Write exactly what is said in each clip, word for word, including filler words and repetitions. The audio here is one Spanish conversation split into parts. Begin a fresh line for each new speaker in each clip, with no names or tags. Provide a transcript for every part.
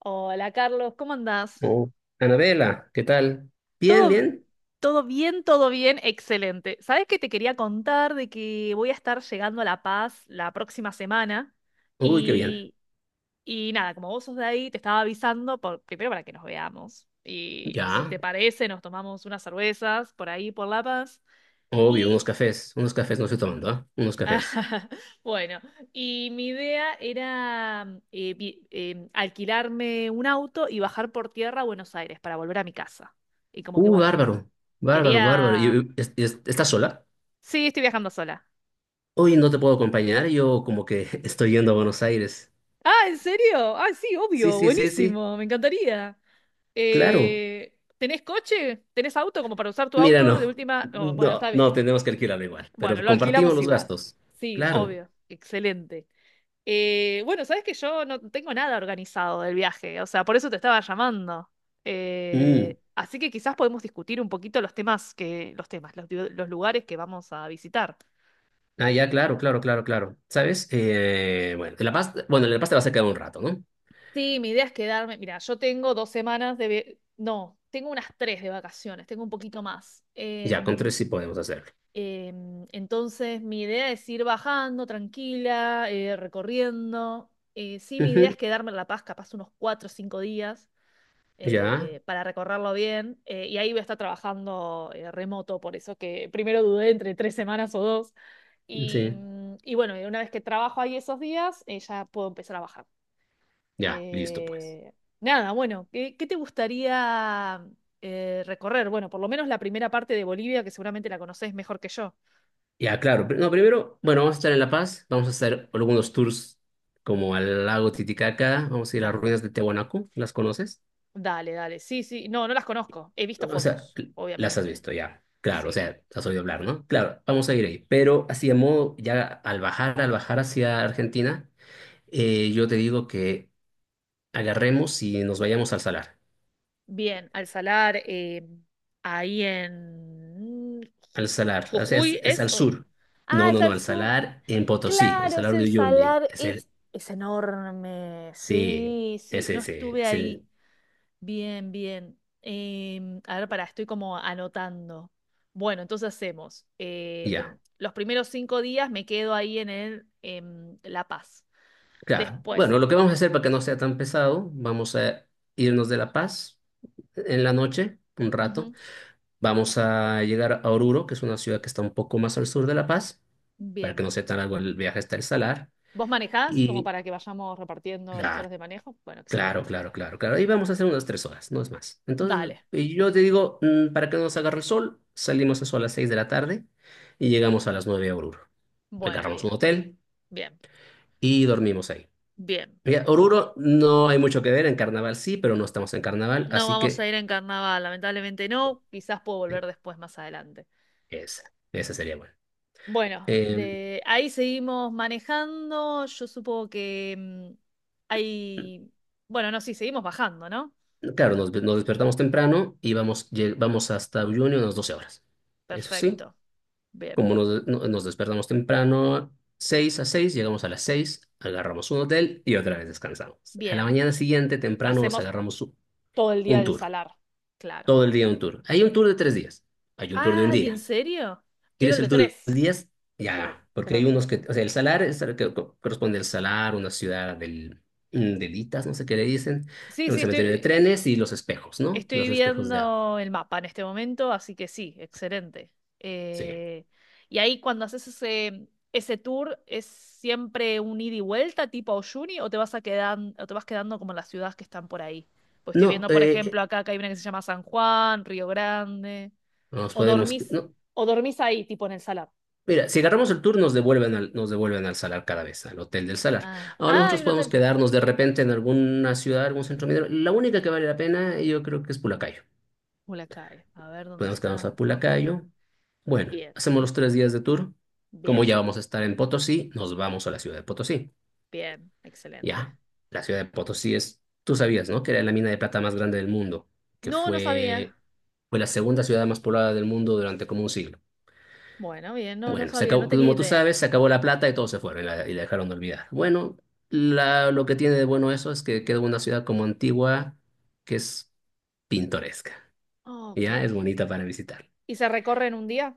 Hola Carlos, ¿cómo andás?
Oh, Anabela, ¿qué tal? Bien,
Todo,
bien.
todo bien, todo bien, excelente. ¿Sabes que te quería contar de que voy a estar llegando a La Paz la próxima semana?
Uy, qué bien.
Y, y nada, como vos sos de ahí, te estaba avisando por- primero para que nos veamos. Y no sé si
Ya,
te parece, nos tomamos unas cervezas por ahí, por La Paz.
obvio, unos
Y
cafés. Unos cafés no estoy tomando, ¿ah? Unos
Ah,
cafés.
Bueno, y mi idea era mm, eh, vi- em, alquilarme un auto y bajar por tierra a Buenos Aires para volver a mi casa. Y como que,
Uh,
bueno,
bárbaro. Bárbaro, bárbaro. ¿Y,
quería.
y- es- es- estás sola?
Sí, estoy viajando sola.
Hoy no te puedo acompañar. Yo como que estoy yendo a Buenos Aires.
Ah, ¿en serio? Ah, sí,
Sí,
obvio,
sí, sí, sí.
buenísimo, me encantaría.
Claro.
Eh, ¿tenés coche? ¿Tenés auto como para usar tu
Mira,
auto de
no.
última? Oh, bueno,
No,
está bien.
no, tenemos que alquilarlo igual.
Bueno,
Pero
lo
compartimos
alquilamos
los
igual.
gastos.
Sí,
Claro.
obvio, excelente. Eh, bueno, sabes que yo no tengo nada organizado del viaje, o sea, por eso te estaba llamando.
Mm.
Eh, así que quizás podemos discutir un poquito los temas que, los temas, los, lu- los lugares que vamos a visitar.
Ah, ya, claro, claro, claro, claro. ¿Sabes? Eh, bueno, en La Paz, bueno, en La Paz te vas a quedar un rato, ¿no?
Sí, mi idea es quedarme. Mira, yo tengo dos semanas de, ve- no, tengo unas tres de vacaciones, tengo un poquito más.
Ya, con
Em,
tres sí podemos hacerlo.
em, entonces, mi idea es ir bajando tranquila, eh, recorriendo. Eh, sí, mi idea es
Ujú,
quedarme en La Paz, capaz unos cuatro o cinco días.
ya,
eh, para recorrerlo bien. eh, y ahí voy a estar trabajando eh, remoto, por eso que primero dudé entre tres semanas o dos. Y,
sí,
mm, y bueno, y una vez que trabajo ahí esos días, eh, ya puedo empezar a bajar.
ya, listo pues.
Eh, nada, bueno, ¿qué, qué te gustaría eh, recorrer? Bueno, por lo menos la primera parte de Bolivia, que seguramente la conoces mejor que yo.
Ya, claro. pr- No, primero, bueno, vamos a estar en La Paz, vamos a hacer algunos tours como al lago Titicaca, vamos a ir a las
Dale,
ruinas de Tiahuanaco, ¿las conoces?
dale, dale. Sí, sí, no, no las conozco. He visto
O sea,
fotos,
cl- las has
obviamente.
visto ya, claro, o
Sí.
sea, has oído hablar, ¿no? Claro, vamos a ir ahí, pero así de modo, ya al bajar, al bajar hacia Argentina, eh, yo te digo que agarremos y nos vayamos al Salar,
Bien, al salar, eh, ahí en
al Salar, o sea, es,
Jujuy
es
es...
al
o-
sur. No,
Ah, es
no, no,
al
al
sur.
Salar en Potosí, el
Claro, es
Salar de
el
Uyuni.
salar, es, es enorme.
Sí,
Sí, sí,
ese,
no
ese
estuve
es
ahí.
el...
Bien, bien. Em, a ver, pará, estoy como anotando. Bueno, entonces hacemos. em,
Ya,
los primeros cinco días me quedo ahí en el, em, La Paz.
claro.
Después.
Bueno, lo que vamos a hacer para que no sea tan pesado, vamos a irnos de La Paz en la noche, un rato.
Ujú.
Vamos a llegar a Oruro, que es una ciudad que está un poco más al sur de La Paz, para que
Bien.
no sea tan largo el viaje hasta el Salar.
¿Vos manejás como
Y
para que vayamos repartiendo las
claro,
horas de manejo? Bueno,
claro,
excelente.
claro, claro, claro. Y vamos a hacer unas tres horas, no es más. Entonces,
Dale.
y yo te digo, mm, para que no nos agarre el sol, salimos eso a las seis de la tarde y llegamos a las nueve a Oruro.
Bueno,
Agarramos un
bien,
hotel
bien,
y dormimos ahí.
bien.
Mira, Oruro no hay mucho que ver, en carnaval sí, pero no estamos en carnaval,
No
así
vamos a
que
ir en carnaval, lamentablemente no. Quizás puedo
eh,
volver después, más adelante.
esa, esa sería buena.
Bueno,
Eh,
de ahí seguimos manejando. Yo supongo que mm, hay. Bueno, no, sí, seguimos bajando, ¿no?
claro, nos, nos despertamos temprano y vamos, lle- vamos hasta Uyuni unas doce horas. Eso sí,
Perfecto. Bien,
como nos, no- nos despertamos temprano, seis a seis llegamos a las seis, agarramos un hotel y otra vez descansamos. A la
bien.
mañana siguiente, temprano, nos
Hacemos
agarramos u-
todo el día
un
del
tour,
salar, claro.
todo el día un tour. Hay un tour de tres días, hay un tour de un
Ah, ¿y en
día.
serio? Quiero
¿Quieres
el
el
de
tour de
tres.
diez?
Quiero,
Ya, porque
quiero el
hay
de
unos
tres.
que, o sea, el salar es el que co- corresponde al salar, una ciudad del, mm, de Litas, no sé qué le dicen,
Sí,
un
sí,
cementerio de
estoy.
trenes y los espejos, ¿no?
Estoy
Los espejos de agua.
viendo el mapa en este momento, así que sí, excelente.
Sí.
Eh, y ahí cuando haces ese, ese tour, ¿es siempre un ida y vuelta tipo Oyuni o te vas a quedan- o te vas quedando como en las ciudades que están por ahí? Pues estoy
No,
viendo, por
eh, eh,
ejemplo, acá que hay una que se llama San Juan, Río Grande.
nos
O
podemos,
dormís,
no.
o dormís ahí, tipo en el salar.
Mira, si agarramos el tour nos devuelven al, nos devuelven al salar cada vez, al hotel del salar.
Ah,
Ahora
ah, hay
nosotros
un
podemos
hotel.
quedarnos de repente en alguna ciudad, algún centro minero. La única que vale la pena yo creo que es Pulacayo.
Ulacae. A ver dónde
Podemos quedarnos a
está. Ok.
Pulacayo. Bueno,
Bien,
hacemos los tres días de tour. Como
bien,
ya vamos a estar en Potosí, nos vamos a la ciudad de Potosí.
bien. Excelente.
Ya, la ciudad de Potosí es, tú sabías, ¿no? Que era la mina de plata más grande del mundo, que
No, no
fue,
sabía.
fue la segunda ciudad más poblada del mundo durante como un siglo.
Bueno, bien, no, no
Bueno, se
sabía, no
acabó-
tenía
como tú
idea.
sabes, se acabó la plata y todos se fueron y la, y la dejaron de olvidar. Bueno, la- lo que tiene de bueno eso es que queda una ciudad como antigua, que es pintoresca.
Ok.
Ya, es bonita para visitar.
¿Y se recorre en un día?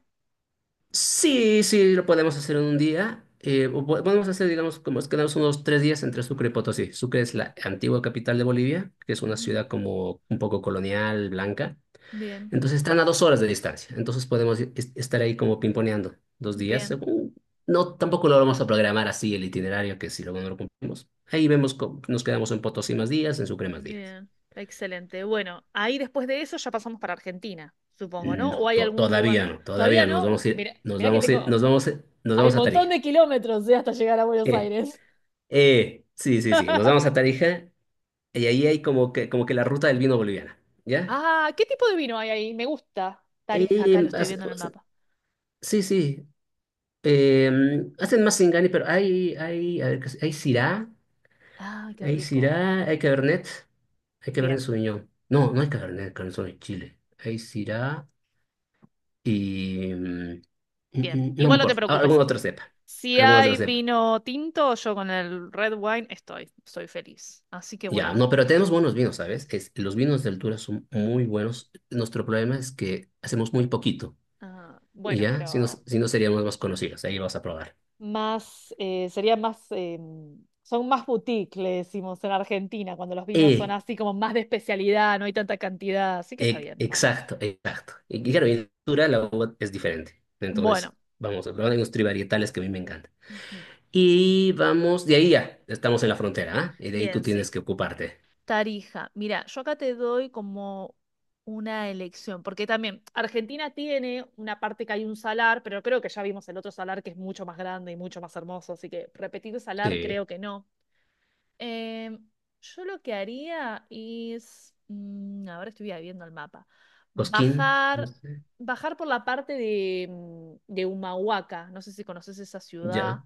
Sí, sí, lo podemos hacer en un día. Eh, o po- podemos hacer, digamos, como es quedamos unos tres días entre Sucre y Potosí. Sucre es
Bien.
la antigua capital de Bolivia, que es una
Ujú.
ciudad como un poco colonial, blanca.
Bien,
Entonces están a dos horas de distancia. Entonces podemos i- est- estar ahí como pimponeando dos días.
bien,
según- No, tampoco lo vamos a programar así el itinerario, que si luego no lo cumplimos. Ahí vemos, cómo- nos quedamos en Potosí más días, en Sucre más días.
bien. Excelente. Bueno, ahí después de eso ya pasamos para Argentina, supongo, ¿no? ¿O
No,
hay
to-
algún lugar?
todavía no,
Todavía
todavía no, nos
no.
vamos
Uf,
a ir,
mira,
nos
mira que
vamos a ir,
tengo.
nos vamos a, nos
Hay un
vamos a
montón
Tarija.
de kilómetros, eh, hasta llegar a Buenos
Eh,
Aires.
Eh, sí, sí, sí. Nos vamos a Tarija y ahí hay como que, como que la ruta del vino boliviana, ¿ya?
Ah, ¿qué tipo de vino hay ahí? Me gusta. Tarija, acá lo
Eh,
estoy
hace-
viendo en el
hace-
mapa.
sí, sí. Eh, Hacen más Singani, pero hay, hay, a ver, ¿qué es? Hay Syrah,
Ah, qué
hay
rico.
Syrah, hay Cabernet, hay Cabernet
Bien,
Sauvignon. No, no hay Cabernet, Cabernet Sauvignon en Chile. Hay Syrah y... em, mm,
bien.
mm, no me
Igual no te
acuerdo. Ah, alguna
preocupes.
otra cepa.
Si
Alguna otra
hay
cepa.
vino tinto, yo con el red wine estoy, estoy feliz. Así que
Ya,
bueno,
no, pero tenemos buenos vinos, ¿sabes? Es, los vinos de altura son muy buenos. Nuestro problema es que hacemos muy poquito.
ah,
Y
bueno,
ya, si no,
pero
si no seríamos más conocidos, ahí lo vas a probar.
más, eh, sería más, em, son más boutique, le decimos en Argentina, cuando los vinos son
Eh,
así como más de especialidad, no hay tanta cantidad, así que está
e-
bien, bueno.
exacto, exacto. Y claro, en altura la uva es diferente.
Bueno,
Entonces, vamos a probar hay unos trivarietales que a mí me encantan.
ujú,
Y vamos, de ahí ya, estamos en la frontera, ¿ah? Y de ahí tú
bien,
tienes
sí.
que ocuparte.
Tarija. Mira, yo acá te doy como una elección, porque también Argentina tiene una parte que hay un salar, pero creo que ya vimos el otro salar que es mucho más grande y mucho más hermoso, así que repetir salar
Sí,
creo que no. Eh, yo lo que haría es, mm, ahora estoy viendo el mapa,
Cosquín, no
bajar,
sé,
bajar por la parte de, mm, de Humahuaca, no sé si conoces esa ciudad.
ya,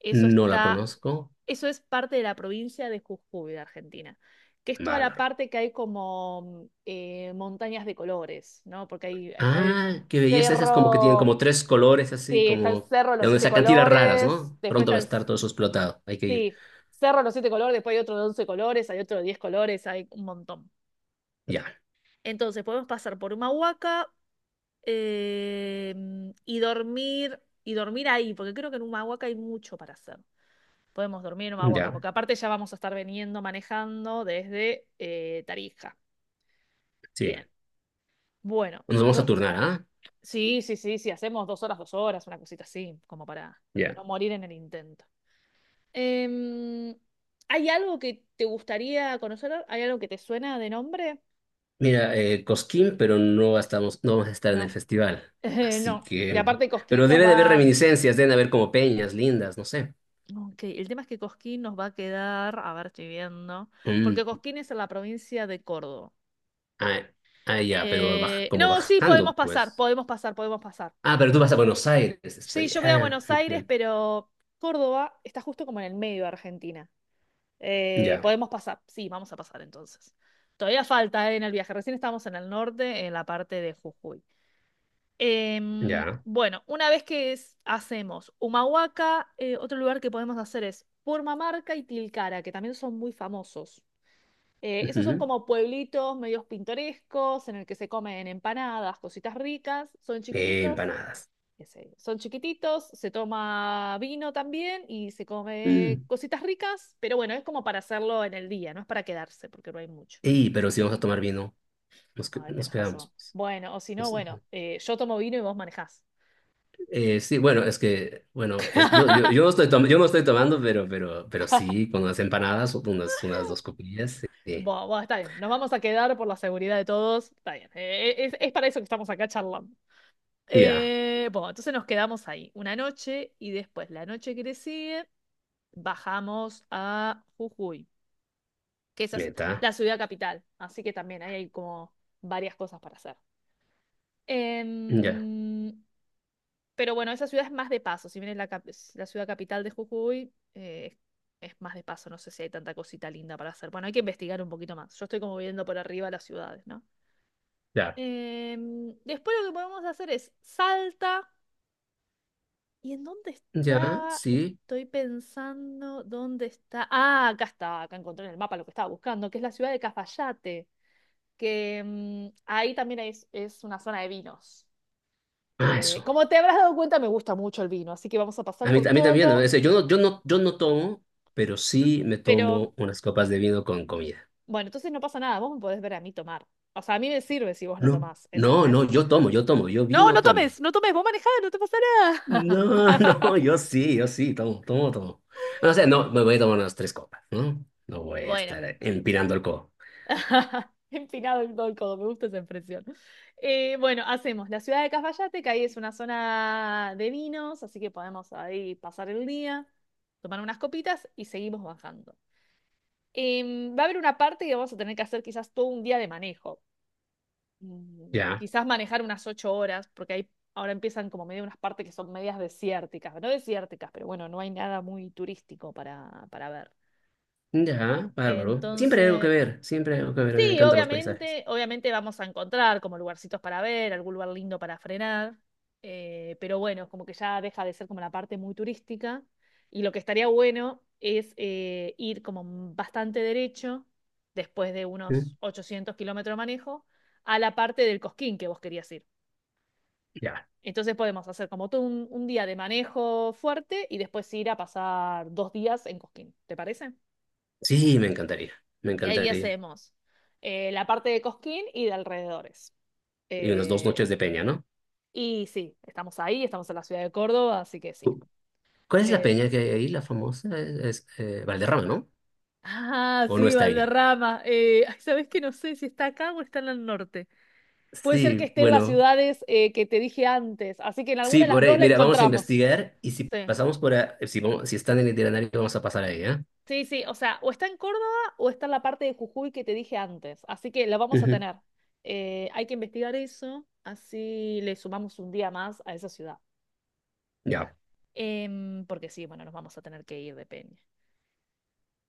Eso
no la
está,
conozco,
eso es parte de la provincia de Jujuy, de Argentina, que es toda la
bárbaro.
parte que hay como mm, eh, montañas de colores, ¿no? Porque ahí, ahí está el
Ah, qué belleza, esas como que tienen como
cerro,
tres colores así,
sí, está el
como
cerro de
de
los
donde
siete
sacan tiras raras,
colores,
¿no?
después
Pronto
está
va a
el,
estar todo eso explotado, hay que ir.
sí, cerro de los siete colores, después hay otro de once colores, hay otro de diez colores, hay un montón.
Ya,
Entonces podemos pasar por una huaca y dormir, y dormir ahí, porque creo que en Humahuaca hay mucho para hacer. Podemos dormir en Humahuaca,
ya,
porque aparte ya vamos a estar veniendo manejando desde eh, Tarija.
sí.
Bien. Bueno,
Nos vamos a turnar, ¿ah?
sí, sí, sí, sí, hacemos dos horas, dos horas, una cosita así, como para
Ya.
no morir en el intento. Em, ¿hay algo que te gustaría conocer? ¿Hay algo que te suena de nombre?
Mira, eh, Cosquín, pero no estamos, no vamos a estar en el
No,
festival.
Eh,
Así
no. Y
que.
aparte Cosquín
Pero
nos
debe de haber
va.
reminiscencias, deben haber como peñas lindas, no sé.
Ok, el tema es que Cosquín nos va a quedar, a ver, estoy viendo,
Mm,
porque Cosquín es en la provincia de Córdoba.
ah, ah, ya, pero baj-
Eh,
como
no, sí,
bajando,
podemos pasar,
pues.
podemos pasar, podemos pasar.
Ah, pero tú vas a Buenos Aires,
Sí,
estoy.
yo voy a
Ah,
Buenos Aires,
ujú.
pero Córdoba está justo como en el medio de Argentina. Eh,
Ya,
podemos pasar, sí, vamos a pasar entonces. Todavía falta, eh, en el viaje, recién estamos en el norte, en la parte de Jujuy. Em,
ya.
bueno, una vez que es- hacemos Humahuaca, eh, otro lugar que podemos hacer es Purmamarca y Tilcara, que también son muy famosos. Eh, esos son
Ujú.
como pueblitos medios pintorescos en el que se comen empanadas, cositas ricas, son
Eh,
chiquititos,
empanadas.
qué sé yo, son chiquititos, se toma vino también y se come
Mm.
cositas ricas, pero bueno, es como para hacerlo en el día, no es para quedarse, porque no hay mucho.
Ey, pero si vamos a tomar vino, nos, que-
Ay,
nos
tenés razón.
quedamos,
Bueno, o si no,
pues.
bueno, eh, yo tomo vino y vos manejás.
Eh, sí, bueno, es que, bueno, es, yo, yo, yo, estoy tom- yo no estoy tomando, pero, pero, pero sí, con unas empanadas, unas, unas dos copillas, sí. Sí.
Bueno, bueno, está bien, nos vamos a quedar por la seguridad de todos, está bien, Eh, es, es para eso que estamos acá charlando.
Ya,
Eh, bueno, entonces nos quedamos ahí una noche y después la noche que le sigue bajamos a Jujuy, que esa es
meta
la ciudad capital, así que también ahí hay como varias cosas para hacer.
ya,
Em, pero bueno, esa ciudad es más de paso, si bien es la, cap- es la ciudad capital de Jujuy, eh, es más de paso, no sé si hay tanta cosita linda para hacer. Bueno, hay que investigar un poquito más, yo estoy como viendo por arriba las ciudades, ¿no?
ya,
Em, después lo que podemos hacer es Salta. ¿Y en dónde
ya,
está?
sí.
Estoy pensando dónde está. Ah, acá está, acá encontré en el mapa lo que estaba buscando, que es la ciudad de Cafayate, que mm, ahí también es, es una zona de vinos.
Ah,
Eh,
eso.
como te habrás dado cuenta, me gusta mucho el vino, así que vamos a pasar
A mí,
por
a mí también, ¿no?
todo,
Es yo no, yo no, yo no tomo, pero sí me
pero
tomo unas copas de vino con comida.
bueno, entonces no pasa nada, vos me podés ver a mí tomar. O sea, a mí me sirve si vos no
No.
tomás,
No, no,
¿entendés?
yo tomo, yo tomo, yo
No,
vino
no
tomo.
tomes, no tomes, vos manejás, no te pasa
No, no,
nada.
yo sí, yo sí, tomo, tomo, tomo. No sé, no, me voy a tomar unas tres copas, ¿no? No voy a
Bueno,
estar empinando el codo.
Empinado en todo el codo, me gusta esa expresión. Eh, bueno, hacemos la ciudad de Cafayate, que ahí es una zona de vinos, así que podemos ahí pasar el día, tomar unas copitas y seguimos bajando. Em, va a haber una parte que vamos a tener que hacer quizás todo un día de manejo. Mm,
Ya.
Quizás manejar unas ocho horas, porque ahí ahora empiezan como medio unas partes que son medias desérticas, no desérticas, pero bueno, no hay nada muy turístico para, para ver.
Ya, bárbaro. Siempre hay algo que
Entonces,
ver, siempre hay algo que ver. A mí me
sí,
encantan los paisajes.
obviamente, obviamente vamos a encontrar como lugarcitos para ver, algún lugar lindo para frenar, eh, pero bueno, como que ya deja de ser como la parte muy turística y lo que estaría bueno es eh, ir como bastante derecho, después de
¿Mm?
unos ochocientos kilómetros de manejo, a la parte del Cosquín que vos querías ir.
Ya.
Entonces podemos hacer como todo un, un día de manejo fuerte y después ir a pasar dos días en Cosquín, ¿te parece?
Sí, me encantaría, me
Y ahí
encantaría.
hacemos eh, la parte de Cosquín y de alrededores.
Y unas dos
Eh,
noches de peña, ¿no?
y sí, estamos ahí, estamos en la ciudad de Córdoba, así que sí.
Cu- ¿Cuál es la
Eh,
peña que hay ahí, la famosa? Es, es, eh, Valderrama, ¿no?
ah,
¿O no
sí,
está ahí?
Valderrama. Eh, ay, ¿sabes que no sé si está acá o está en el norte? Puede ser que
Sí,
esté en las
bueno.
ciudades eh, que te dije antes, así que en alguna
Sí,
de las
por
dos
ahí.
la
Mira, vamos a
encontramos.
investigar y si
Sí.
pasamos por ahí, si, vamos- si están en el itinerario, vamos a pasar ahí, ¿eh?
Sí, sí, o sea, o está en Córdoba o está en la parte de Jujuy que te dije antes, así que la vamos a
Ujú,
tener. Eh, hay que investigar eso, así le sumamos un día más a esa ciudad.
ya.
Em, porque sí, bueno, nos vamos a tener que ir de Peña.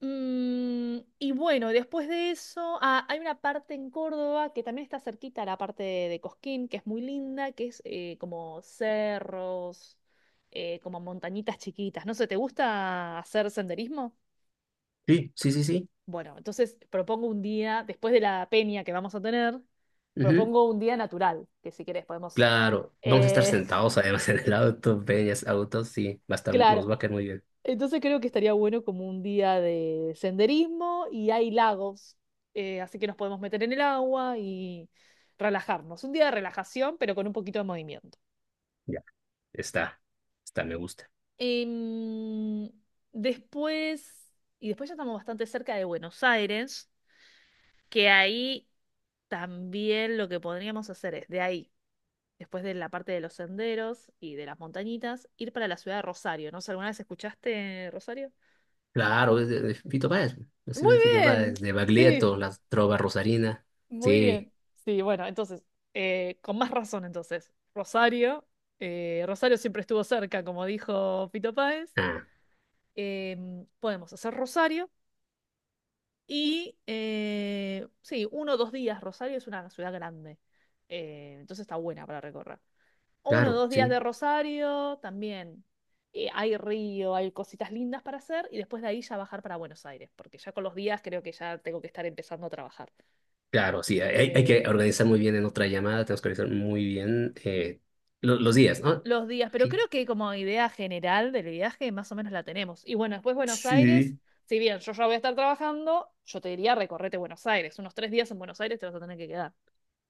Mm, y bueno, después de eso, ah, hay una parte en Córdoba que también está cerquita a la parte de, de Cosquín, que es muy linda, que es eh, como cerros, eh, como montañitas chiquitas. No sé, ¿te gusta hacer senderismo?
Sí, sí, sí, sí.
Bueno, entonces propongo un día, después de la peña que vamos a tener,
Ujú.
propongo un día natural, que si querés podemos...
Claro, vamos a estar
eh,
sentados además en el auto, peñas, autos, sí, va a estar,
claro.
nos va a caer muy bien.
Entonces creo que estaría bueno como un día de senderismo y hay lagos, eh, así que nos podemos meter en el agua y relajarnos. Un día de relajación, pero con un poquito de movimiento.
Está, está, me gusta.
Em, Después, y después ya estamos bastante cerca de Buenos Aires, que ahí también lo que podríamos hacer es de ahí, después de la parte de los senderos y de las montañitas, ir para la ciudad de Rosario. No sé, ¿alguna vez escuchaste Rosario?
Claro, es de, de Fito Páez. Ha sido
Muy
de Fito
bien,
Páez, de
sí.
Baglietto, la trova rosarina.
Muy
Sí,
bien. Sí, bueno, entonces, eh, con más razón entonces. Rosario, eh, Rosario siempre estuvo cerca, como dijo Pito Páez.
ah,
Em, podemos hacer Rosario y, eh, sí, uno o dos días. Rosario es una ciudad grande, eh, entonces está buena para recorrer. Uno o
claro,
dos días
sí,
de Rosario también. Eh, hay río, hay cositas lindas para hacer y después de ahí ya bajar para Buenos Aires, porque ya con los días creo que ya tengo que estar empezando a trabajar.
claro, sí. Hay, hay que
Eh,
organizar muy bien en otra llamada, tenemos que organizar muy bien eh, lo- los días, ¿no?
los días, pero
Sí.
creo que como idea general del viaje más o menos la tenemos. Y bueno, después Buenos Aires,
Sí.
si bien yo ya voy a estar trabajando, yo te diría recorrete Buenos Aires. Unos tres días en Buenos Aires te vas a tener que quedar.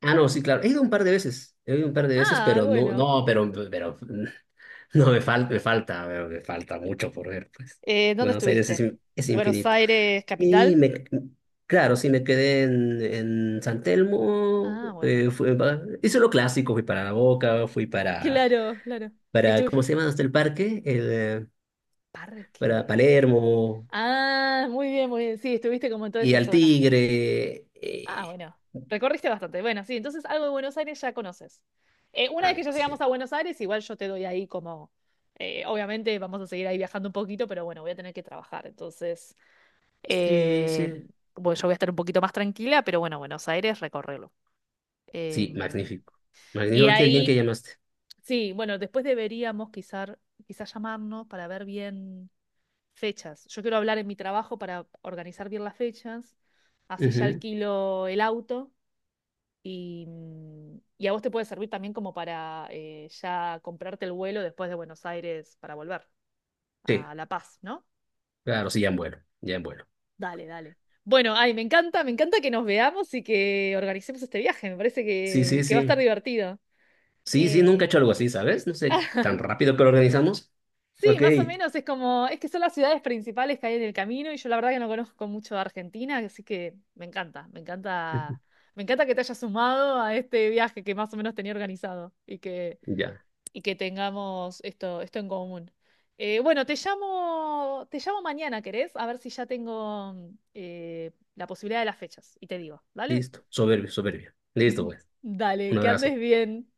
Ah, no, sí, claro. He ido un par de veces, he ido un par de veces,
Ah,
pero no,
bueno.
no, pero, pero no me falta, me falta, me falta mucho por ver, pues.
Eh, ¿dónde
Buenos Aires es,
estuviste?
in- es
¿Buenos
infinito.
Aires
Y
capital?
me, claro, sí, me quedé en, en San Telmo.
Ah, bueno.
Eh, fui pa- hice lo clásico, fui para La Boca, fui para,
Claro, claro.
para
Estuve...
¿cómo se llama? Hasta el parque, el, eh, para
Parque.
Palermo
Ah, muy bien, muy bien. Sí, estuviste como en toda
y
esa
al
zona.
Tigre.
Ah,
Eh,
bueno, recorriste bastante. Bueno, sí, entonces algo de Buenos Aires ya conoces. Eh, una vez que
algo
ya
así.
llegamos a Buenos Aires, igual yo te doy ahí como, eh, obviamente vamos a seguir ahí viajando un poquito, pero bueno, voy a tener que trabajar. Entonces,
Sí,
eh,
sí.
bueno, yo voy a estar un poquito más tranquila, pero bueno, Buenos Aires, recorrerlo.
Sí,
Em,
magnífico.
y
Magnífico, qué bien que
ahí,
llamaste.
sí, bueno, después deberíamos quizás quizás llamarnos para ver bien fechas. Yo quiero hablar en mi trabajo para organizar bien las fechas, así ya
Ujú,
alquilo el auto y, mm, y a vos te puede servir también como para eh, ya comprarte el vuelo después de Buenos Aires para volver
sí,
a La Paz, ¿no?
claro, sí, ya en vuelo, ya en vuelo.
Dale, dale. Bueno, ay, me encanta, me encanta que nos veamos y que organicemos este viaje. Me parece
Sí, sí,
que, que va a estar
sí.
divertido.
Sí, sí, nunca he
Eh,
hecho algo así, ¿sabes? No sé, tan rápido que lo organizamos.
sí,
Ok.
más o menos es como, es que son las ciudades principales que hay en el camino y yo la verdad que no conozco mucho de Argentina, así que me encanta, me
Ujú.
encanta, me encanta que te hayas sumado a este viaje que más o menos tenía organizado y que
Ya.
y que tengamos esto, esto en común. Eh, bueno, te llamo, te llamo mañana, ¿querés? A ver si ya tengo mm, eh, la posibilidad de las fechas y te digo, ¿vale?
Listo. Soberbio, soberbio. Listo, pues. Un
Dale, que
abrazo.
andes bien.